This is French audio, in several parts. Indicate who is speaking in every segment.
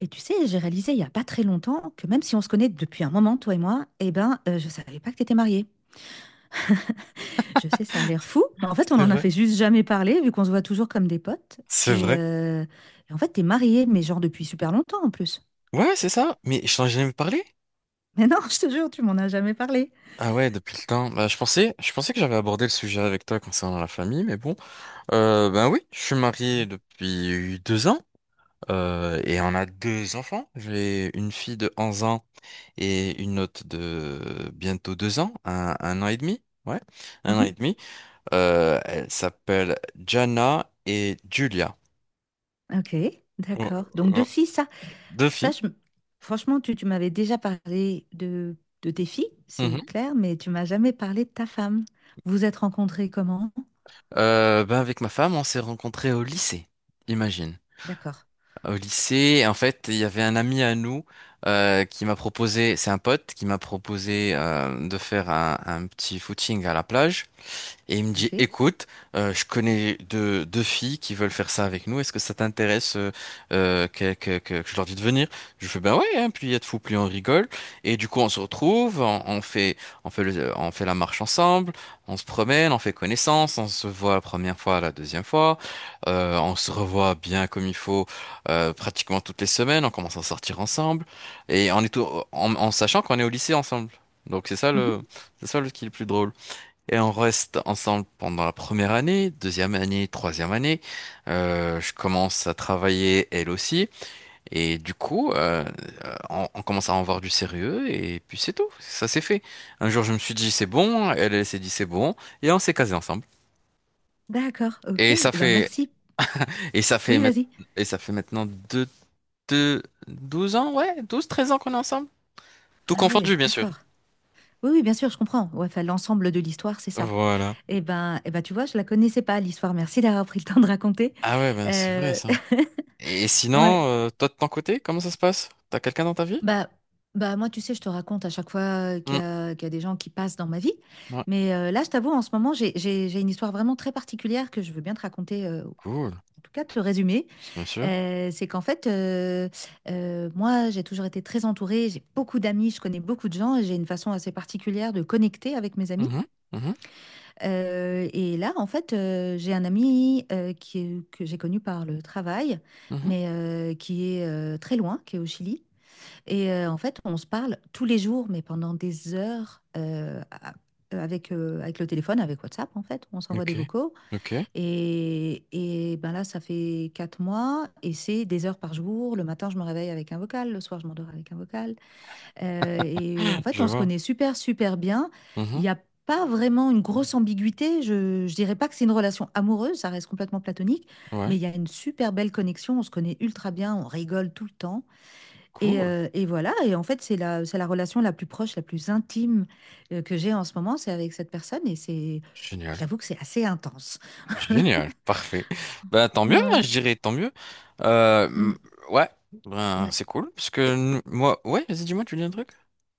Speaker 1: Et tu sais, j'ai réalisé il y a pas très longtemps que même si on se connaît depuis un moment, toi et moi, je savais pas que t'étais mariée. Je sais, ça a l'air fou, mais en fait, on
Speaker 2: C'est
Speaker 1: en a
Speaker 2: vrai.
Speaker 1: fait juste jamais parler, vu qu'on se voit toujours comme des potes.
Speaker 2: C'est
Speaker 1: Et,
Speaker 2: vrai.
Speaker 1: euh, et en fait, t'es mariée, mais genre depuis super longtemps en plus.
Speaker 2: Ouais, c'est ça. Mais je t'en ai jamais parlé?
Speaker 1: Mais non, je te jure, tu m'en as jamais parlé.
Speaker 2: Ah ouais, depuis le temps. Bah, je pensais que j'avais abordé le sujet avec toi concernant la famille, mais bon. Ben oui, je suis marié depuis 2 ans. Et on a deux enfants. J'ai une fille de 11 ans et une autre de bientôt 2 ans, un an et demi. Ouais, un an
Speaker 1: Mhm.
Speaker 2: et demi. Elles s'appellent Jana et Julia.
Speaker 1: Ok,
Speaker 2: Oh,
Speaker 1: d'accord. Donc deux
Speaker 2: oh.
Speaker 1: filles, ça,
Speaker 2: Deux
Speaker 1: ça,
Speaker 2: filles.
Speaker 1: franchement, tu m'avais déjà parlé de tes filles, c'est clair, mais tu m'as jamais parlé de ta femme. Vous vous êtes rencontrés comment?
Speaker 2: Ben avec ma femme, on s'est rencontrés au lycée, imagine.
Speaker 1: D'accord.
Speaker 2: Au lycée, en fait, il y avait un ami à nous qui m'a proposé, c'est un pote qui m'a proposé de faire un petit footing à la plage. Et il me dit,
Speaker 1: Ok.
Speaker 2: écoute, je connais deux filles qui veulent faire ça avec nous. Est-ce que ça t'intéresse que je leur dis de venir? Je fais, ben ouais, hein, plus il y a de fous, plus on rigole. Et du coup, on se retrouve, on fait, on fait la marche ensemble, on se promène, on fait connaissance, on se voit la première fois, la deuxième fois, on se revoit bien comme il faut pratiquement toutes les semaines, on commence à sortir ensemble et en sachant qu'on est au lycée ensemble. Donc c'est ça le qui est le plus drôle. Et on reste ensemble pendant la première année, deuxième année, troisième année. Je commence à travailler elle aussi. Et du coup, on commence à en voir du sérieux. Et puis c'est tout, ça s'est fait. Un jour, je me suis dit c'est bon. Elle, elle s'est dit c'est bon. Et on s'est casé ensemble.
Speaker 1: D'accord, OK.
Speaker 2: Et
Speaker 1: Eh
Speaker 2: ça
Speaker 1: ben,
Speaker 2: fait,
Speaker 1: merci.
Speaker 2: et ça fait,
Speaker 1: Oui,
Speaker 2: mait-
Speaker 1: vas-y.
Speaker 2: et ça fait maintenant deux, 12 ans, ouais, 12 13 ans qu'on est ensemble. Tout
Speaker 1: Ah ouais,
Speaker 2: confondu, bien sûr.
Speaker 1: d'accord. Oui, oui, bien sûr, je comprends. Ouais, enfin, l'ensemble de l'histoire, c'est ça.
Speaker 2: Voilà.
Speaker 1: Eh ben, tu vois, je la connaissais pas, l'histoire. Merci d'avoir pris le temps de raconter.
Speaker 2: Ah ouais, ben c'est vrai
Speaker 1: Euh,
Speaker 2: ça. Et
Speaker 1: Ouais.
Speaker 2: sinon, toi de ton côté, comment ça se passe? T'as quelqu'un dans ta vie?
Speaker 1: Bah, bah moi, tu sais, je te raconte à chaque fois qu'il y a des gens qui passent dans ma vie.
Speaker 2: Ouais,
Speaker 1: Mais là, je t'avoue, en ce moment, j'ai une histoire vraiment très particulière que je veux bien te raconter, en
Speaker 2: cool,
Speaker 1: tout cas, te le résumer.
Speaker 2: bien sûr.
Speaker 1: C'est qu'en fait, moi, j'ai toujours été très entourée, j'ai beaucoup d'amis, je connais beaucoup de gens et j'ai une façon assez particulière de connecter avec mes amis.
Speaker 2: Mhm, mhm,
Speaker 1: Et là, en fait, j'ai un ami, qui est que j'ai connu par le travail,
Speaker 2: mhm.
Speaker 1: mais qui est, très loin, qui est au Chili et en fait, on se parle tous les jours, mais pendant des heures, a avec, avec le téléphone, avec WhatsApp, en fait. On s'envoie
Speaker 2: Ok,
Speaker 1: des vocaux
Speaker 2: ok,
Speaker 1: et, et là, ça fait 4 mois et c'est des heures par jour. Le matin, je me réveille avec un vocal. Le soir, je m'endors avec un vocal. Et en fait,
Speaker 2: je
Speaker 1: on se
Speaker 2: vois.
Speaker 1: connaît super, super bien. Il
Speaker 2: Mhm,
Speaker 1: n'y a pas vraiment une grosse ambiguïté. Je dirais pas que c'est une relation amoureuse, ça reste complètement platonique,
Speaker 2: ouais,
Speaker 1: mais il y a une super belle connexion. On se connaît ultra bien, on rigole tout le temps. Et,
Speaker 2: cool,
Speaker 1: euh, et voilà. Et en fait, c'est la relation la plus proche, la plus intime que j'ai en ce moment. C'est avec cette personne et
Speaker 2: génial,
Speaker 1: j'avoue que c'est assez intense.
Speaker 2: génial, parfait. Ben tant mieux, hein,
Speaker 1: Ouais.
Speaker 2: je dirais, tant mieux. Euh, m-
Speaker 1: Mmh,
Speaker 2: ouais, ben
Speaker 1: ouais.
Speaker 2: c'est cool, parce que
Speaker 1: Et
Speaker 2: moi, ouais, vas-y, dis-moi, tu dis un truc?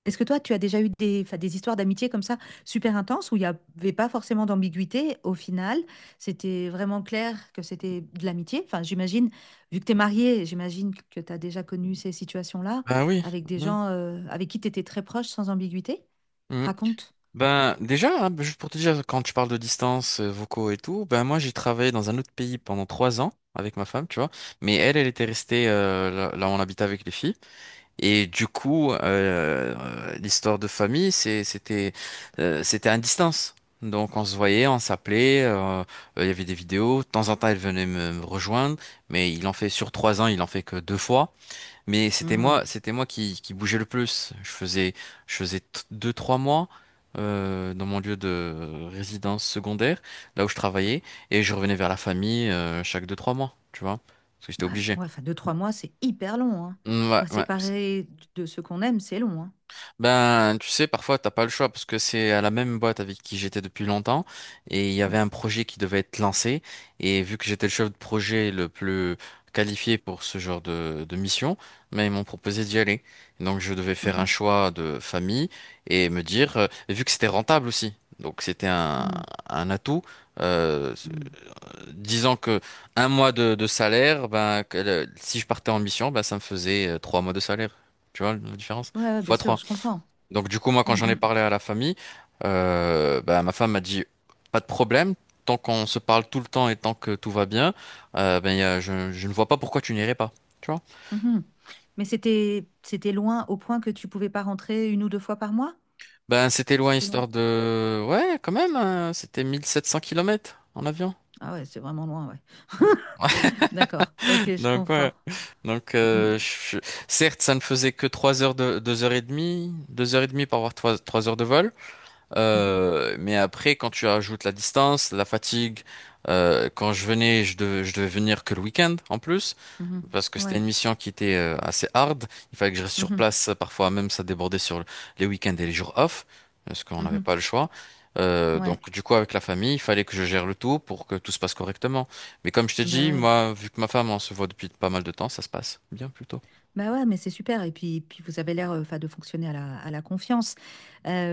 Speaker 1: est-ce que toi, tu as déjà eu des, enfin, des histoires d'amitié comme ça, super intenses, où il n'y avait pas forcément d'ambiguïté au final? C'était vraiment clair que c'était de l'amitié. Enfin, j'imagine, vu que tu es mariée, j'imagine que tu as déjà connu ces situations-là
Speaker 2: Ben oui.
Speaker 1: avec des
Speaker 2: Mhm,
Speaker 1: gens avec qui tu étais très proche sans ambiguïté.
Speaker 2: mhm.
Speaker 1: Raconte.
Speaker 2: Ben déjà, hein, ben, juste pour te dire, quand tu parles de distance, vocaux et tout, ben moi j'ai travaillé dans un autre pays pendant 3 ans avec ma femme, tu vois. Mais elle, elle était restée là où on habitait avec les filles. Et du coup, l'histoire de famille, c'était à distance. Donc on se voyait, on s'appelait, il y avait des vidéos. De temps en temps, elle venait me rejoindre, mais il en fait sur 3 ans, il en fait que deux fois. Mais c'était
Speaker 1: Mmh.
Speaker 2: moi, c'était moi qui bougeais le plus. Deux trois mois dans mon lieu de résidence secondaire, là où je travaillais, et je revenais vers la famille chaque deux trois mois, tu vois, parce que j'étais
Speaker 1: Ouais,
Speaker 2: obligé.
Speaker 1: ouais, enfin, deux, trois mois, c'est hyper long, hein.
Speaker 2: Ouais,
Speaker 1: Ouais,
Speaker 2: ouais.
Speaker 1: séparer de ce qu'on aime, c'est long, hein.
Speaker 2: Ben, tu sais, parfois, t'as pas le choix parce que c'est à la même boîte avec qui j'étais depuis longtemps et il y avait
Speaker 1: Mmh,
Speaker 2: un projet qui devait être lancé et vu que j'étais le chef de projet le plus qualifié pour ce genre de mission, mais ils m'ont proposé d'y aller. Donc, je devais faire
Speaker 1: mmh,
Speaker 2: un choix de famille et me dire, et vu que c'était rentable aussi, donc c'était un,
Speaker 1: mmh,
Speaker 2: un atout, euh,
Speaker 1: mmh.
Speaker 2: disons que un mois de salaire, ben, si je partais en mission, ben, ça me faisait 3 mois de salaire. Tu vois la différence?
Speaker 1: Ouais, ouais, bien
Speaker 2: X
Speaker 1: sûr, je comprends.
Speaker 2: donc du coup, moi,
Speaker 1: Mmh,
Speaker 2: quand j'en ai
Speaker 1: mmh.
Speaker 2: parlé à la famille, bah, ma femme m'a dit, pas de problème, tant qu'on se parle tout le temps et tant que tout va bien, ben, je ne vois pas pourquoi tu n'irais pas. Tu vois?
Speaker 1: Mhm. Mais c'était loin au point que tu pouvais pas rentrer une ou deux fois par mois?
Speaker 2: Ben, c'était loin,
Speaker 1: C'était loin.
Speaker 2: ouais, quand même, hein, c'était 1700 kilomètres en avion.
Speaker 1: Ah ouais, c'est vraiment loin, ouais. D'accord. Ok, je
Speaker 2: Donc ouais.
Speaker 1: comprends.
Speaker 2: Donc
Speaker 1: Mhm.
Speaker 2: certes, ça ne faisait que 3 heures de 2 heures et demie, 2 heures et demie par avoir trois heures de vol.
Speaker 1: Mhm.
Speaker 2: Mais après, quand tu ajoutes la distance, la fatigue, quand je venais, je devais venir que le week-end en plus,
Speaker 1: Mhm.
Speaker 2: parce que c'était une
Speaker 1: Ouais.
Speaker 2: mission qui était assez hard. Il fallait que je reste sur
Speaker 1: Mhm.
Speaker 2: place. Parfois même, ça débordait sur les week-ends et les jours off, parce qu'on n'avait
Speaker 1: Mhm.
Speaker 2: pas le choix.
Speaker 1: Ouais.
Speaker 2: Donc du coup, avec la famille, il fallait que je gère le tout pour que tout se passe correctement. Mais comme je t'ai
Speaker 1: Bah
Speaker 2: dit,
Speaker 1: ouais.
Speaker 2: moi, vu que ma femme, on se voit depuis pas mal de temps, ça se passe bien plutôt.
Speaker 1: Bah ouais, mais c'est super. Et puis, puis vous avez l'air enfin, de fonctionner à la confiance.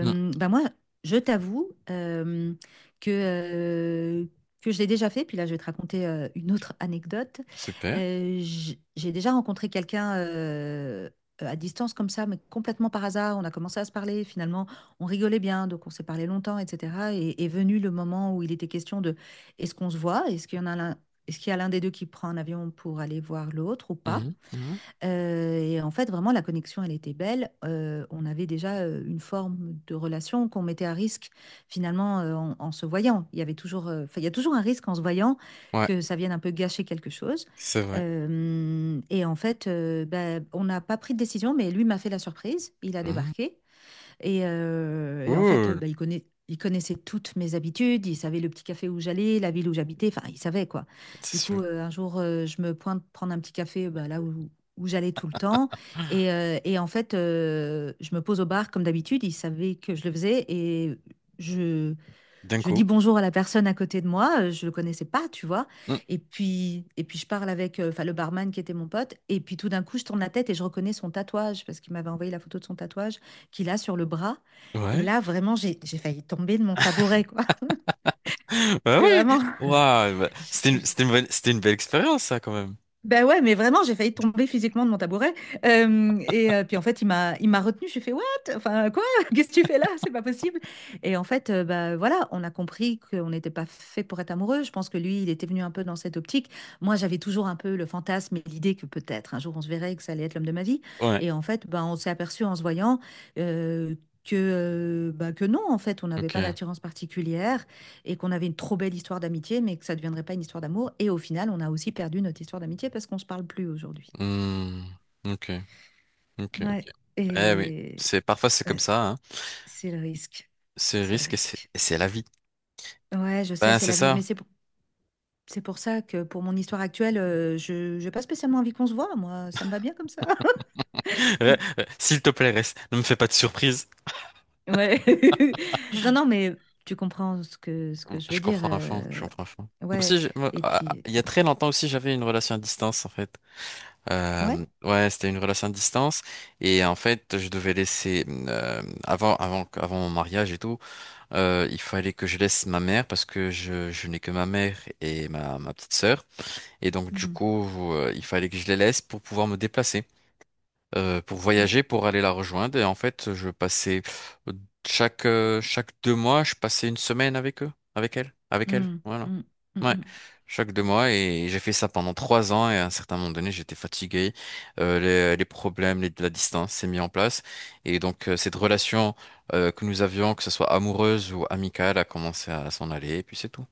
Speaker 2: Mm.
Speaker 1: Bah moi, je t'avoue que, euh, que je l'ai déjà fait. Puis là, je vais te raconter une autre anecdote.
Speaker 2: Super.
Speaker 1: J'ai déjà rencontré quelqu'un à distance comme ça, mais complètement par hasard. On a commencé à se parler. Finalement, on rigolait bien, donc on s'est parlé longtemps, etc. Et est venu le moment où il était question de est-ce qu'on se voit? Est-ce qu'il y a l'un des deux qui prend un avion pour aller voir l'autre ou pas?
Speaker 2: Mhm, mhm.
Speaker 1: Et en fait, vraiment, la connexion, elle était belle. On avait déjà une forme de relation qu'on mettait à risque, finalement, en se voyant. Il y a toujours un risque en se voyant
Speaker 2: Ouais,
Speaker 1: que ça vienne un peu gâcher quelque chose.
Speaker 2: c'est vrai.
Speaker 1: Et en fait, ben, on n'a pas pris de décision, mais lui m'a fait la surprise. Il a
Speaker 2: Mm.
Speaker 1: débarqué. Et en fait,
Speaker 2: Cool.
Speaker 1: bah, il connaissait toutes mes habitudes, il savait le petit café où j'allais, la ville où j'habitais, enfin, il savait quoi.
Speaker 2: C'est
Speaker 1: Du
Speaker 2: sûr.
Speaker 1: coup, un jour, je me pointe prendre un petit café bah, là où j'allais tout le temps. Et en fait, je me pose au bar comme d'habitude, il savait que je le faisais et je,
Speaker 2: D'un
Speaker 1: je dis
Speaker 2: coup.
Speaker 1: bonjour à la personne à côté de moi, je le connaissais pas, tu vois.
Speaker 2: Mm.
Speaker 1: Et puis je parle avec enfin, le barman qui était mon pote. Et puis tout d'un coup, je tourne la tête et je reconnais son tatouage parce qu'il m'avait envoyé la photo de son tatouage qu'il a sur le bras. Et
Speaker 2: Ouais.
Speaker 1: là, vraiment, j'ai failli tomber de mon tabouret, quoi.
Speaker 2: Bah
Speaker 1: Et
Speaker 2: oui.
Speaker 1: vraiment,
Speaker 2: Waouh. Bah, C'était une,
Speaker 1: j'ai
Speaker 2: c'était une bonne- c'était une belle expérience, ça, quand même.
Speaker 1: Ben ouais, mais vraiment, j'ai failli tomber physiquement de mon tabouret, hem et puis en fait, il m'a retenue. J'ai fait: «What? Enfin, quoi? Qu'est-ce que tu fais là? C'est pas possible!» Et en fait, bah, voilà, on a compris qu'on n'était pas fait pour être amoureux. Je pense que lui, il était venu un peu dans cette optique. Moi, j'avais toujours un peu le fantasme et l'idée que peut-être un jour on se verrait et que ça allait être l'homme de ma vie.
Speaker 2: Ouais.
Speaker 1: Et en fait, bah, on s'est aperçu en se voyant, heu, que, bah, que non, en fait, on n'avait pas
Speaker 2: Ok.
Speaker 1: d'attirance particulière, et qu'on avait une trop belle histoire d'amitié, mais que ça ne deviendrait pas une histoire d'amour. Et au final, on a aussi perdu notre histoire d'amitié parce qu'on ne se parle plus aujourd'hui.
Speaker 2: Hmm. Ok. Ok. Ok.
Speaker 1: Ouais,
Speaker 2: Eh oui.
Speaker 1: et
Speaker 2: Parfois, c'est comme
Speaker 1: ouais,
Speaker 2: ça, hein.
Speaker 1: c'est le risque.
Speaker 2: C'est
Speaker 1: C'est le
Speaker 2: risque et c'est
Speaker 1: risque.
Speaker 2: et c'est la vie.
Speaker 1: Ouais, je sais,
Speaker 2: Ben,
Speaker 1: c'est
Speaker 2: c'est
Speaker 1: la vie.
Speaker 2: ça.
Speaker 1: Mais c'est pour ça que pour mon histoire actuelle, je n'ai pas spécialement envie qu'on se voit. Moi, ça me va bien comme ça.
Speaker 2: S'il te plaît, reste. Ne me fais pas de surprise.
Speaker 1: Ouais. Non, non, mais tu comprends ce que je
Speaker 2: Je
Speaker 1: veux dire.
Speaker 2: comprends à fond. Je comprends à fond. Moi
Speaker 1: Ouais.
Speaker 2: aussi, moi,
Speaker 1: Et
Speaker 2: ah, ah,
Speaker 1: puis,
Speaker 2: il y a très longtemps aussi, j'avais une relation à distance, en fait.
Speaker 1: ouais.
Speaker 2: Ouais, c'était une relation à distance. Et en fait, je devais laisser, avant mon mariage et tout. Il fallait que je laisse ma mère parce que je n'ai que ma mère et ma petite sœur. Et donc, du
Speaker 1: Mhm.
Speaker 2: coup, il fallait que je les laisse pour pouvoir me déplacer pour voyager, pour aller la rejoindre. Et en fait, je passais euh, chaque deux mois, je passais une semaine avec eux, avec elle, avec elle.
Speaker 1: Mm,
Speaker 2: Voilà.
Speaker 1: mm, mm,
Speaker 2: Ouais.
Speaker 1: mm,
Speaker 2: Chaque deux mois et j'ai fait ça pendant 3 ans et à un certain moment donné j'étais fatigué. Les, problèmes, la distance s'est mis en place et donc cette relation que nous avions, que ce soit amoureuse ou amicale, a commencé à s'en aller et puis c'est tout.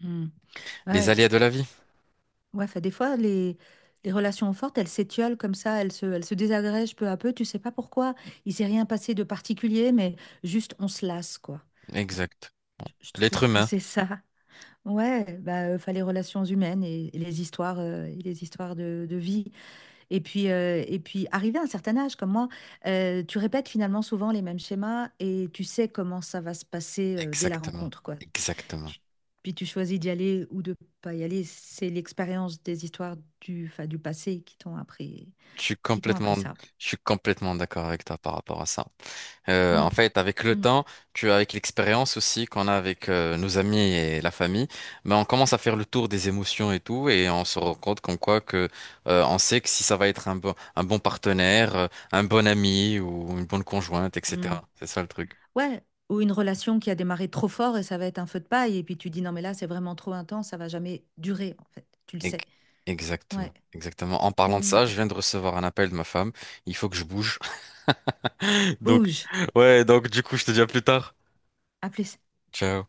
Speaker 1: mm, mm.
Speaker 2: Les
Speaker 1: Ouais,
Speaker 2: aléas de la vie,
Speaker 1: ouais, fait, des fois, les relations fortes, elles s'étiolent comme ça, elles se désagrègent peu à peu. Tu sais pas pourquoi. Il s'est rien passé de particulier, mais juste on se lasse, quoi.
Speaker 2: exact.
Speaker 1: Je
Speaker 2: L'être
Speaker 1: trouve que
Speaker 2: humain,
Speaker 1: c'est ça. Ouais, bah, enfin, les relations humaines et les histoires, et les histoires de vie. Et puis, et puis, arrivé à un certain âge, comme moi, tu répètes finalement souvent les mêmes schémas et tu sais comment ça va se passer, dès la
Speaker 2: exactement,
Speaker 1: rencontre, quoi.
Speaker 2: exactement.
Speaker 1: tu- Puis tu choisis d'y aller ou de pas y aller. C'est l'expérience des histoires enfin, du passé
Speaker 2: Je suis
Speaker 1: qui t'ont appris
Speaker 2: complètement,
Speaker 1: ça.
Speaker 2: je suis complètement d'accord avec toi par rapport à ça.
Speaker 1: Mm,
Speaker 2: En fait, avec le
Speaker 1: mm,
Speaker 2: temps, tu avec l'expérience aussi qu'on a avec nos amis et la famille, mais on commence à faire le tour des émotions et tout, et on se rend compte comme quoi que on sait que si ça va être un bon, partenaire, un bon ami ou une bonne conjointe,
Speaker 1: mm.
Speaker 2: etc. C'est ça le truc.
Speaker 1: Ouais, ou une relation qui a démarré trop fort et ça va être un feu de paille. Et puis tu dis non, mais là, c'est vraiment trop intense, ça va jamais durer, en fait. Tu le
Speaker 2: Ec-
Speaker 1: sais. Ouais.
Speaker 2: Exactement, exactement. En parlant de
Speaker 1: Mm.
Speaker 2: ça, je viens de recevoir un appel de ma femme. Il faut que je bouge. Donc,
Speaker 1: Bouge.
Speaker 2: ouais, donc du coup, je te dis à plus tard.
Speaker 1: À plus.
Speaker 2: Ciao.